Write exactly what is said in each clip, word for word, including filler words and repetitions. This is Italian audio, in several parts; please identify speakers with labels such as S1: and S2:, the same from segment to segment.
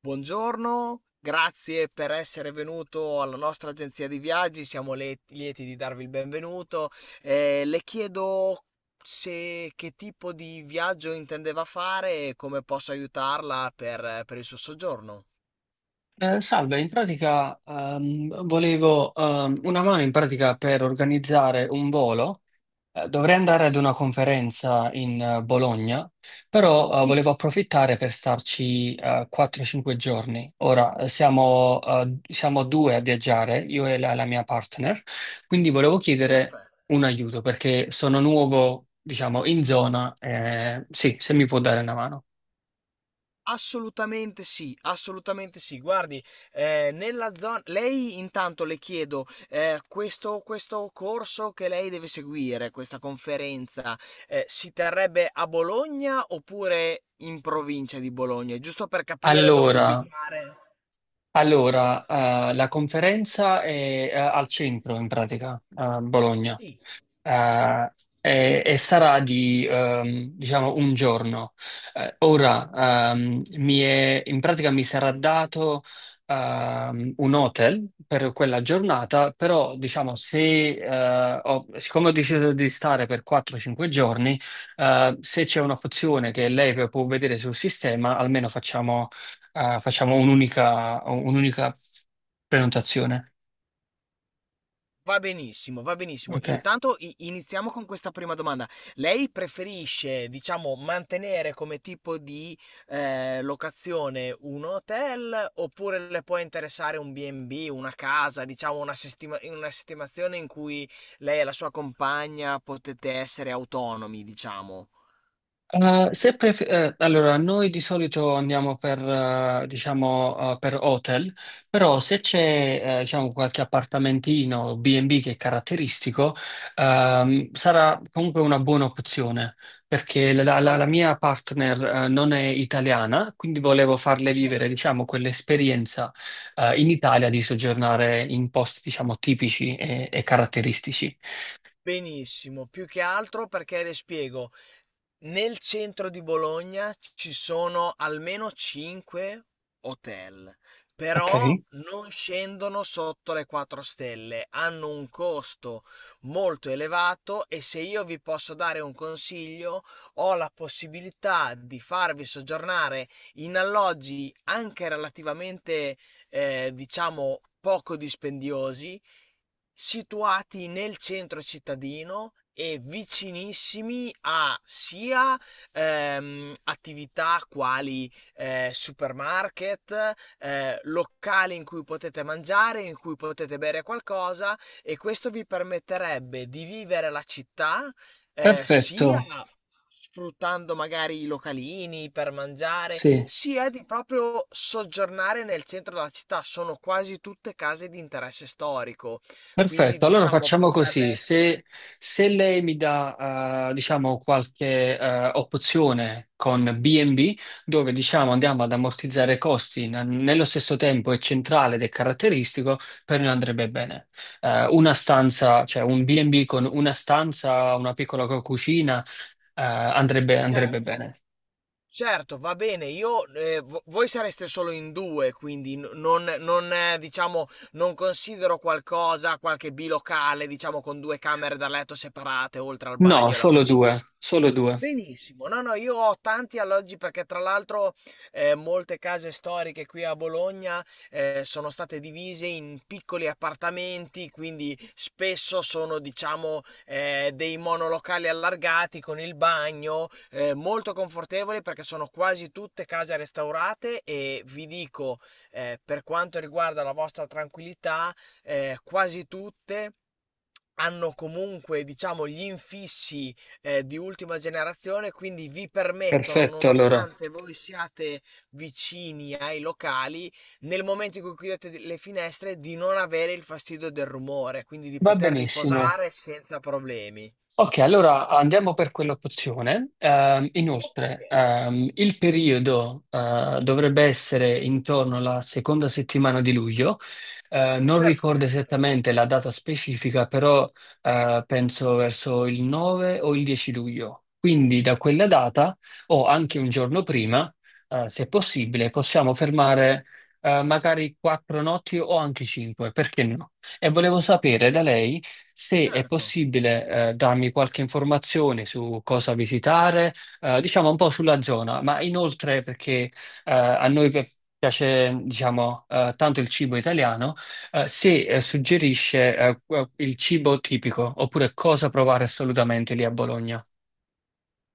S1: Buongiorno, grazie per essere venuto alla nostra agenzia di viaggi, siamo le- lieti di darvi il benvenuto. Eh, le chiedo se che tipo di viaggio intendeva fare e come posso aiutarla per, per il suo soggiorno.
S2: Eh, salve, in pratica ehm, volevo ehm, una mano in pratica per organizzare un volo. Eh, dovrei andare ad
S1: Sì,
S2: una conferenza in eh, Bologna, però eh,
S1: sì,
S2: volevo approfittare per starci eh, quattro cinque giorni. Ora eh, siamo, eh, siamo due a viaggiare, io e la, la mia partner, quindi volevo chiedere
S1: perfetto.
S2: un aiuto perché sono nuovo, diciamo, in zona. eh, sì, se mi può dare una mano.
S1: Assolutamente sì, assolutamente sì. Guardi, eh, nella zona... Lei intanto le chiedo, eh, questo, questo corso che lei deve seguire, questa conferenza, eh, si terrebbe a Bologna oppure in provincia di Bologna? Giusto per capire dove
S2: Allora.
S1: ubicare.
S2: Allora, eh, la conferenza è eh, al centro in pratica, a Bologna.
S1: Sì, sì.
S2: Eh, e, e sarà di, ehm, diciamo, un giorno. Eh, ora, ehm, mi è- in pratica mi sarà dato, ehm, un hotel per quella giornata, però, diciamo, se, eh, ho- siccome ho deciso di stare per quattro o cinque giorni, eh, se c'è una funzione che lei p- può vedere sul sistema, almeno facciamo, eh, facciamo un'unica, un'unica prenotazione.
S1: Va benissimo, va benissimo.
S2: Ok?
S1: Intanto i- iniziamo con questa prima domanda. Lei preferisce, diciamo, mantenere come tipo di eh, locazione un hotel oppure le può interessare un B and B, una casa, diciamo una, sistema- una sistemazione in cui lei e la sua compagna potete essere autonomi, diciamo?
S2: Eh, se pref- eh, allora, noi di solito andiamo per, eh, diciamo, eh, per hotel, però se c'è, eh, diciamo, qualche appartamentino o bi e bi che è caratteristico, ehm, sarà comunque una buona opzione, perché la, la-
S1: Al-
S2: la mia partner, eh, non è italiana, quindi volevo farle vivere,
S1: certo.
S2: diciamo, quell'esperienza, eh, in Italia di soggiornare in posti, diciamo, tipici e, e caratteristici.
S1: Benissimo, più che altro perché le spiego, nel centro di Bologna ci sono almeno cinque hotel,
S2: Ok,
S1: però non scendono sotto le quattro stelle, hanno un costo molto elevato e se io vi posso dare un consiglio, ho la possibilità di farvi soggiornare in alloggi anche relativamente, eh, diciamo, poco dispendiosi situati nel centro cittadino e vicinissimi a sia ehm, attività quali eh, supermarket, eh, locali in cui potete mangiare, in cui potete bere qualcosa e questo vi permetterebbe di vivere la città eh, sia
S2: perfetto.
S1: sfruttando magari i localini per mangiare,
S2: Sì.
S1: sia di proprio soggiornare nel centro della città. Sono quasi tutte case di interesse storico, quindi
S2: Perfetto, allora
S1: diciamo
S2: facciamo
S1: potrebbe
S2: così.
S1: essere...
S2: Se, se lei mi dà, eh, diciamo, qualche eh, opzione con bi e bi, dove diciamo andiamo ad ammortizzare costi, n- nello stesso tempo è centrale ed è caratteristico, per noi andrebbe bene. Eh, una stanza, cioè un bi e bi con una stanza, una piccola co- cucina, eh, andrebbe, andrebbe
S1: Certo,
S2: bene.
S1: certo, va bene. Io, eh, vo- voi sareste solo in due, quindi n- non, non, eh, diciamo, non considero qualcosa, qualche bilocale, diciamo, con due camere da letto separate, oltre al
S2: No,
S1: bagno e alla
S2: solo
S1: cucina.
S2: due, solo due.
S1: Benissimo. No, no, io ho tanti alloggi perché tra l'altro eh, molte case storiche qui a Bologna eh, sono state divise in piccoli appartamenti, quindi spesso sono, diciamo, eh, dei monolocali allargati con il bagno, eh, molto confortevoli perché sono quasi tutte case restaurate e vi dico, eh, per quanto riguarda la vostra tranquillità, eh, quasi tutte hanno comunque, diciamo, gli infissi eh, di ultima generazione, quindi vi permettono,
S2: Perfetto, allora.
S1: nonostante voi siate vicini ai locali, nel momento in cui chiudete di- le finestre, di non avere il fastidio del rumore, quindi di
S2: Va
S1: poter
S2: benissimo.
S1: riposare senza problemi.
S2: Ok, allora andiamo per quell'opzione. Ehm,
S1: Ok,
S2: inoltre, ehm, il periodo eh, dovrebbe essere intorno alla seconda settimana di luglio. Eh, non ricordo
S1: perfetto.
S2: esattamente la data specifica, però eh, penso verso il nove o il dieci luglio. Quindi da quella data o anche un giorno prima, eh, se possibile, possiamo fermare eh, magari quattro notti o anche cinque, perché no? E volevo sapere da
S1: Sì,
S2: lei se è
S1: certo.
S2: possibile, eh, darmi qualche informazione su cosa visitare, eh, diciamo un po' sulla zona, ma inoltre perché, eh, a noi pi- piace, diciamo, eh, tanto il cibo italiano, eh, se, eh, suggerisce, eh, qu- il cibo tipico oppure cosa provare assolutamente lì a Bologna.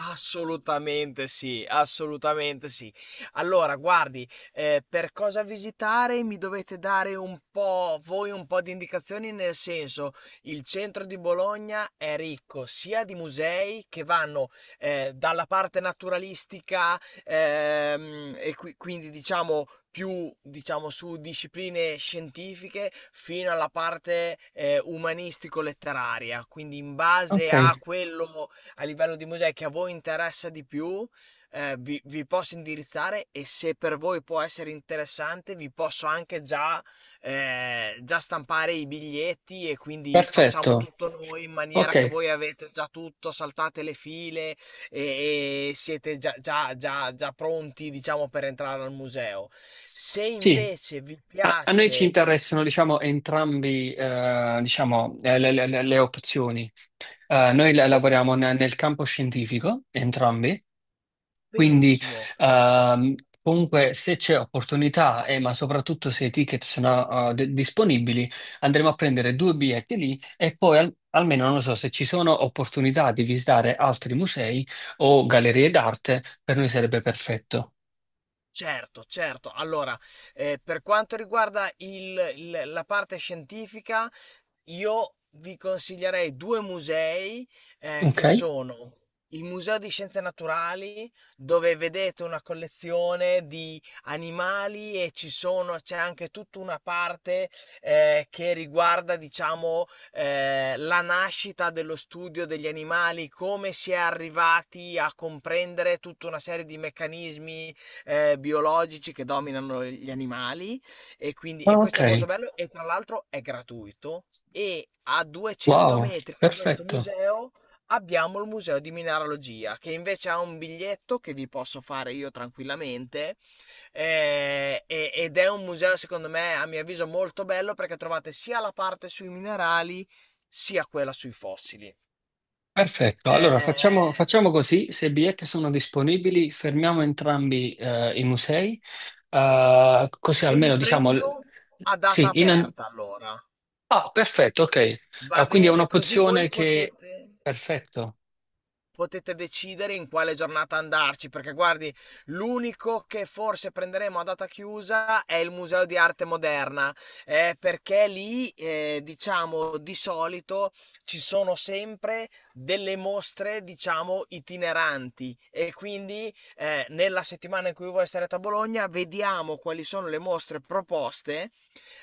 S1: Assolutamente sì, assolutamente sì. Allora, guardi, eh, per cosa visitare mi dovete dare un po', voi un po' di indicazioni, nel senso, il centro di Bologna è ricco sia di musei che vanno eh, dalla parte naturalistica ehm, e qui- quindi diciamo più diciamo su discipline scientifiche fino alla parte eh, umanistico-letteraria, quindi in
S2: Ok,
S1: base a quello a livello di musei che a voi interessa di più, eh, vi, vi posso indirizzare e se per voi può essere interessante, vi posso anche già, eh, già stampare i biglietti e quindi facciamo
S2: perfetto.
S1: tutto noi in maniera che
S2: Ok.
S1: voi avete già tutto, saltate le file e, e siete già, già, già, già pronti, diciamo, per entrare al museo. Se
S2: Sì,
S1: invece vi
S2: a, a noi ci
S1: piace,
S2: interessano, diciamo, entrambi, eh, diciamo, eh, le, le- le- le opzioni. Eh, noi la-
S1: oh,
S2: lavoriamo ne- nel campo scientifico, entrambi, quindi
S1: benissimo.
S2: ehm, comunque se c'è opportunità, e ma soprattutto se i ticket sono eh, d- disponibili, andremo a prendere due biglietti lì e poi al- almeno non lo so se ci sono opportunità di visitare altri musei o gallerie d'arte, per noi sarebbe perfetto.
S1: Certo, certo. Allora, eh, per quanto riguarda il il la parte scientifica, io vi consiglierei due musei eh, che
S2: Ok?
S1: sono il Museo di Scienze Naturali, dove vedete una collezione di animali e ci sono, c'è anche tutta una parte eh, che riguarda, diciamo, eh, la nascita dello studio degli animali, come si è arrivati a comprendere tutta una serie di meccanismi eh, biologici che dominano gli animali. E quindi e
S2: Ah, ok,
S1: questo è molto bello e tra l'altro è gratuito e a duecento
S2: wow,
S1: metri da questo
S2: perfetto.
S1: museo abbiamo il museo di mineralogia che invece ha un biglietto che vi posso fare io tranquillamente eh, e- ed è un museo secondo me a mio avviso molto bello perché trovate sia la parte sui minerali sia quella sui fossili.
S2: Perfetto, allora facciamo,
S1: Eh,
S2: facciamo così, se i biglietti sono disponibili fermiamo entrambi eh, i musei. Eh, così
S1: Ve li
S2: almeno diciamo, l-
S1: prendo a data
S2: sì, in... an-
S1: aperta allora.
S2: ah, perfetto, ok. Ah,
S1: Va
S2: quindi è
S1: bene, così voi
S2: un'opzione che...
S1: potete...
S2: Perfetto.
S1: potete decidere in quale giornata andarci, perché guardi, l'unico che forse prenderemo a data chiusa è il Museo di Arte Moderna, eh, perché lì, eh, diciamo, di solito ci sono sempre delle mostre, diciamo, itineranti e quindi eh, nella settimana in cui voi sarete a Bologna vediamo quali sono le mostre proposte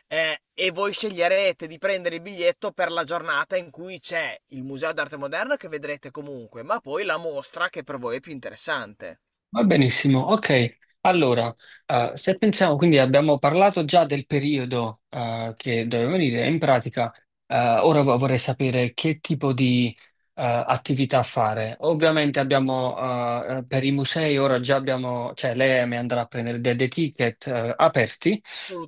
S1: eh, e voi sceglierete di prendere il biglietto per la giornata in cui c'è il Museo d'Arte Moderna che vedrete comunque, ma poi la mostra che per voi è più interessante.
S2: Va benissimo, ok. Allora, eh, se pensiamo, quindi abbiamo parlato già del periodo eh, che doveva venire, in pratica, eh, ora vo- vorrei sapere che tipo di eh, attività fare. Ovviamente abbiamo eh, per i musei, ora già abbiamo, cioè lei mi andrà a prendere de- dei ticket eh, aperti,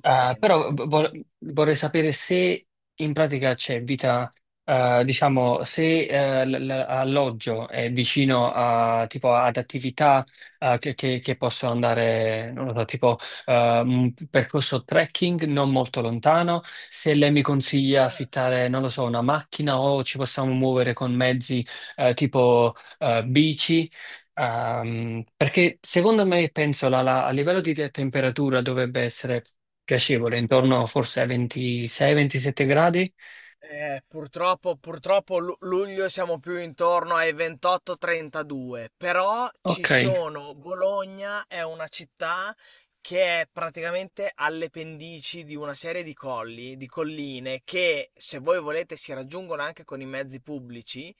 S2: eh, però vo- vorrei sapere se in pratica c'è vita... Eh, diciamo, se eh, l- l- alloggio è vicino a, tipo, ad attività eh, che, che- che possono andare, non lo so, tipo eh, un percorso trekking non molto lontano. Se lei mi consiglia affittare, non lo so, una macchina o ci possiamo muovere con mezzi eh, tipo eh, bici. Ehm, perché secondo me, penso, la- la- a livello di te- temperatura dovrebbe essere piacevole, intorno forse ai ventisei ventisette gradi.
S1: Eh, purtroppo, purtroppo lu- luglio siamo più intorno ai ventotto trentadue, però ci
S2: Ok,
S1: sono, Bologna è una città che è praticamente alle pendici di una serie di colli, di colline che se voi volete si raggiungono anche con i mezzi pubblici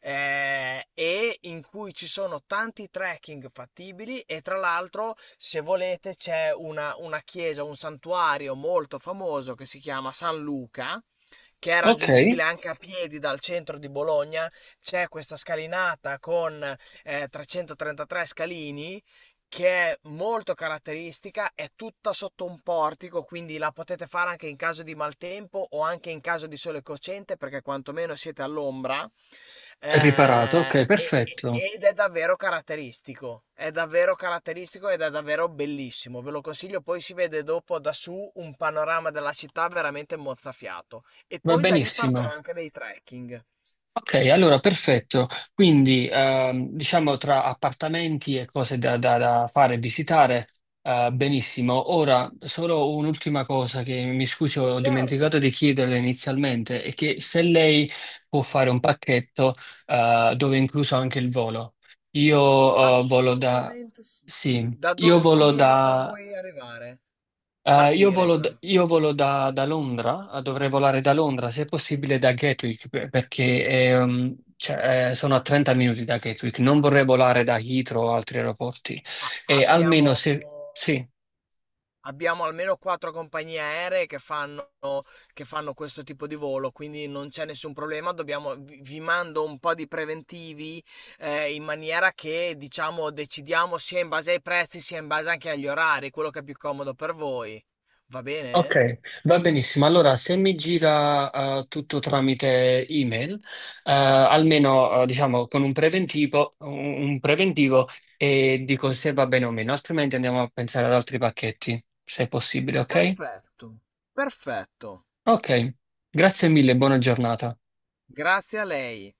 S1: eh, e in cui ci sono tanti trekking fattibili e tra l'altro, se volete, c'è una, una chiesa, un santuario molto famoso che si chiama San Luca, che è
S2: ok,
S1: raggiungibile anche a piedi dal centro di Bologna. C'è questa scalinata con eh, trecentotrentatré scalini che è molto caratteristica, è tutta sotto un portico, quindi la potete fare anche in caso di maltempo o anche in caso di sole cocente, perché quantomeno siete all'ombra.
S2: è riparato,
S1: Eh,
S2: ok,
S1: e- e-
S2: perfetto,
S1: ed è davvero caratteristico, è davvero caratteristico ed è davvero bellissimo. Ve lo consiglio, poi si vede dopo da su un panorama della città veramente mozzafiato. E
S2: va
S1: poi da lì partono
S2: benissimo.
S1: anche dei trekking.
S2: Ok, allora perfetto. Quindi ehm, diciamo tra appartamenti e cose da, da- da fare e visitare, eh, benissimo. Ora, solo un'ultima cosa che mi scusi, ho
S1: Certo,
S2: dimenticato di chiederle inizialmente, è che se lei può fare un pacchetto eh, dove è incluso anche il volo. Io eh, volo da...
S1: assolutamente sì.
S2: Sì,
S1: Da
S2: io
S1: dove
S2: volo
S1: conviene per voi arrivare?
S2: eh, io
S1: Partire,
S2: volo, d-
S1: cioè.
S2: io volo da, da Londra, eh, dovrei volare da Londra, se è possibile da Gatwick, per- perché ehm, cioè, eh, sono a trenta minuti da Gatwick, non vorrei volare da Heathrow o altri aeroporti.
S1: A
S2: E
S1: abbiamo
S2: almeno se... Sì,
S1: abbiamo almeno quattro compagnie aeree che fanno che fanno questo tipo di volo, quindi non c'è nessun problema. Dobbiamo vi vi mando un po' di preventivi, ehm, in maniera che, diciamo, decidiamo sia in base ai prezzi, sia in base anche agli orari, quello che è più comodo per voi. Va bene?
S2: ok, va benissimo. Allora, se mi gira eh, tutto tramite email, eh, almeno eh, diciamo con un preventivo, un un preventivo e dico se va bene o meno, altrimenti andiamo a pensare ad altri pacchetti, se è possibile, ok?
S1: Perfetto, perfetto.
S2: Ok, grazie mille, buona giornata.
S1: Grazie a lei.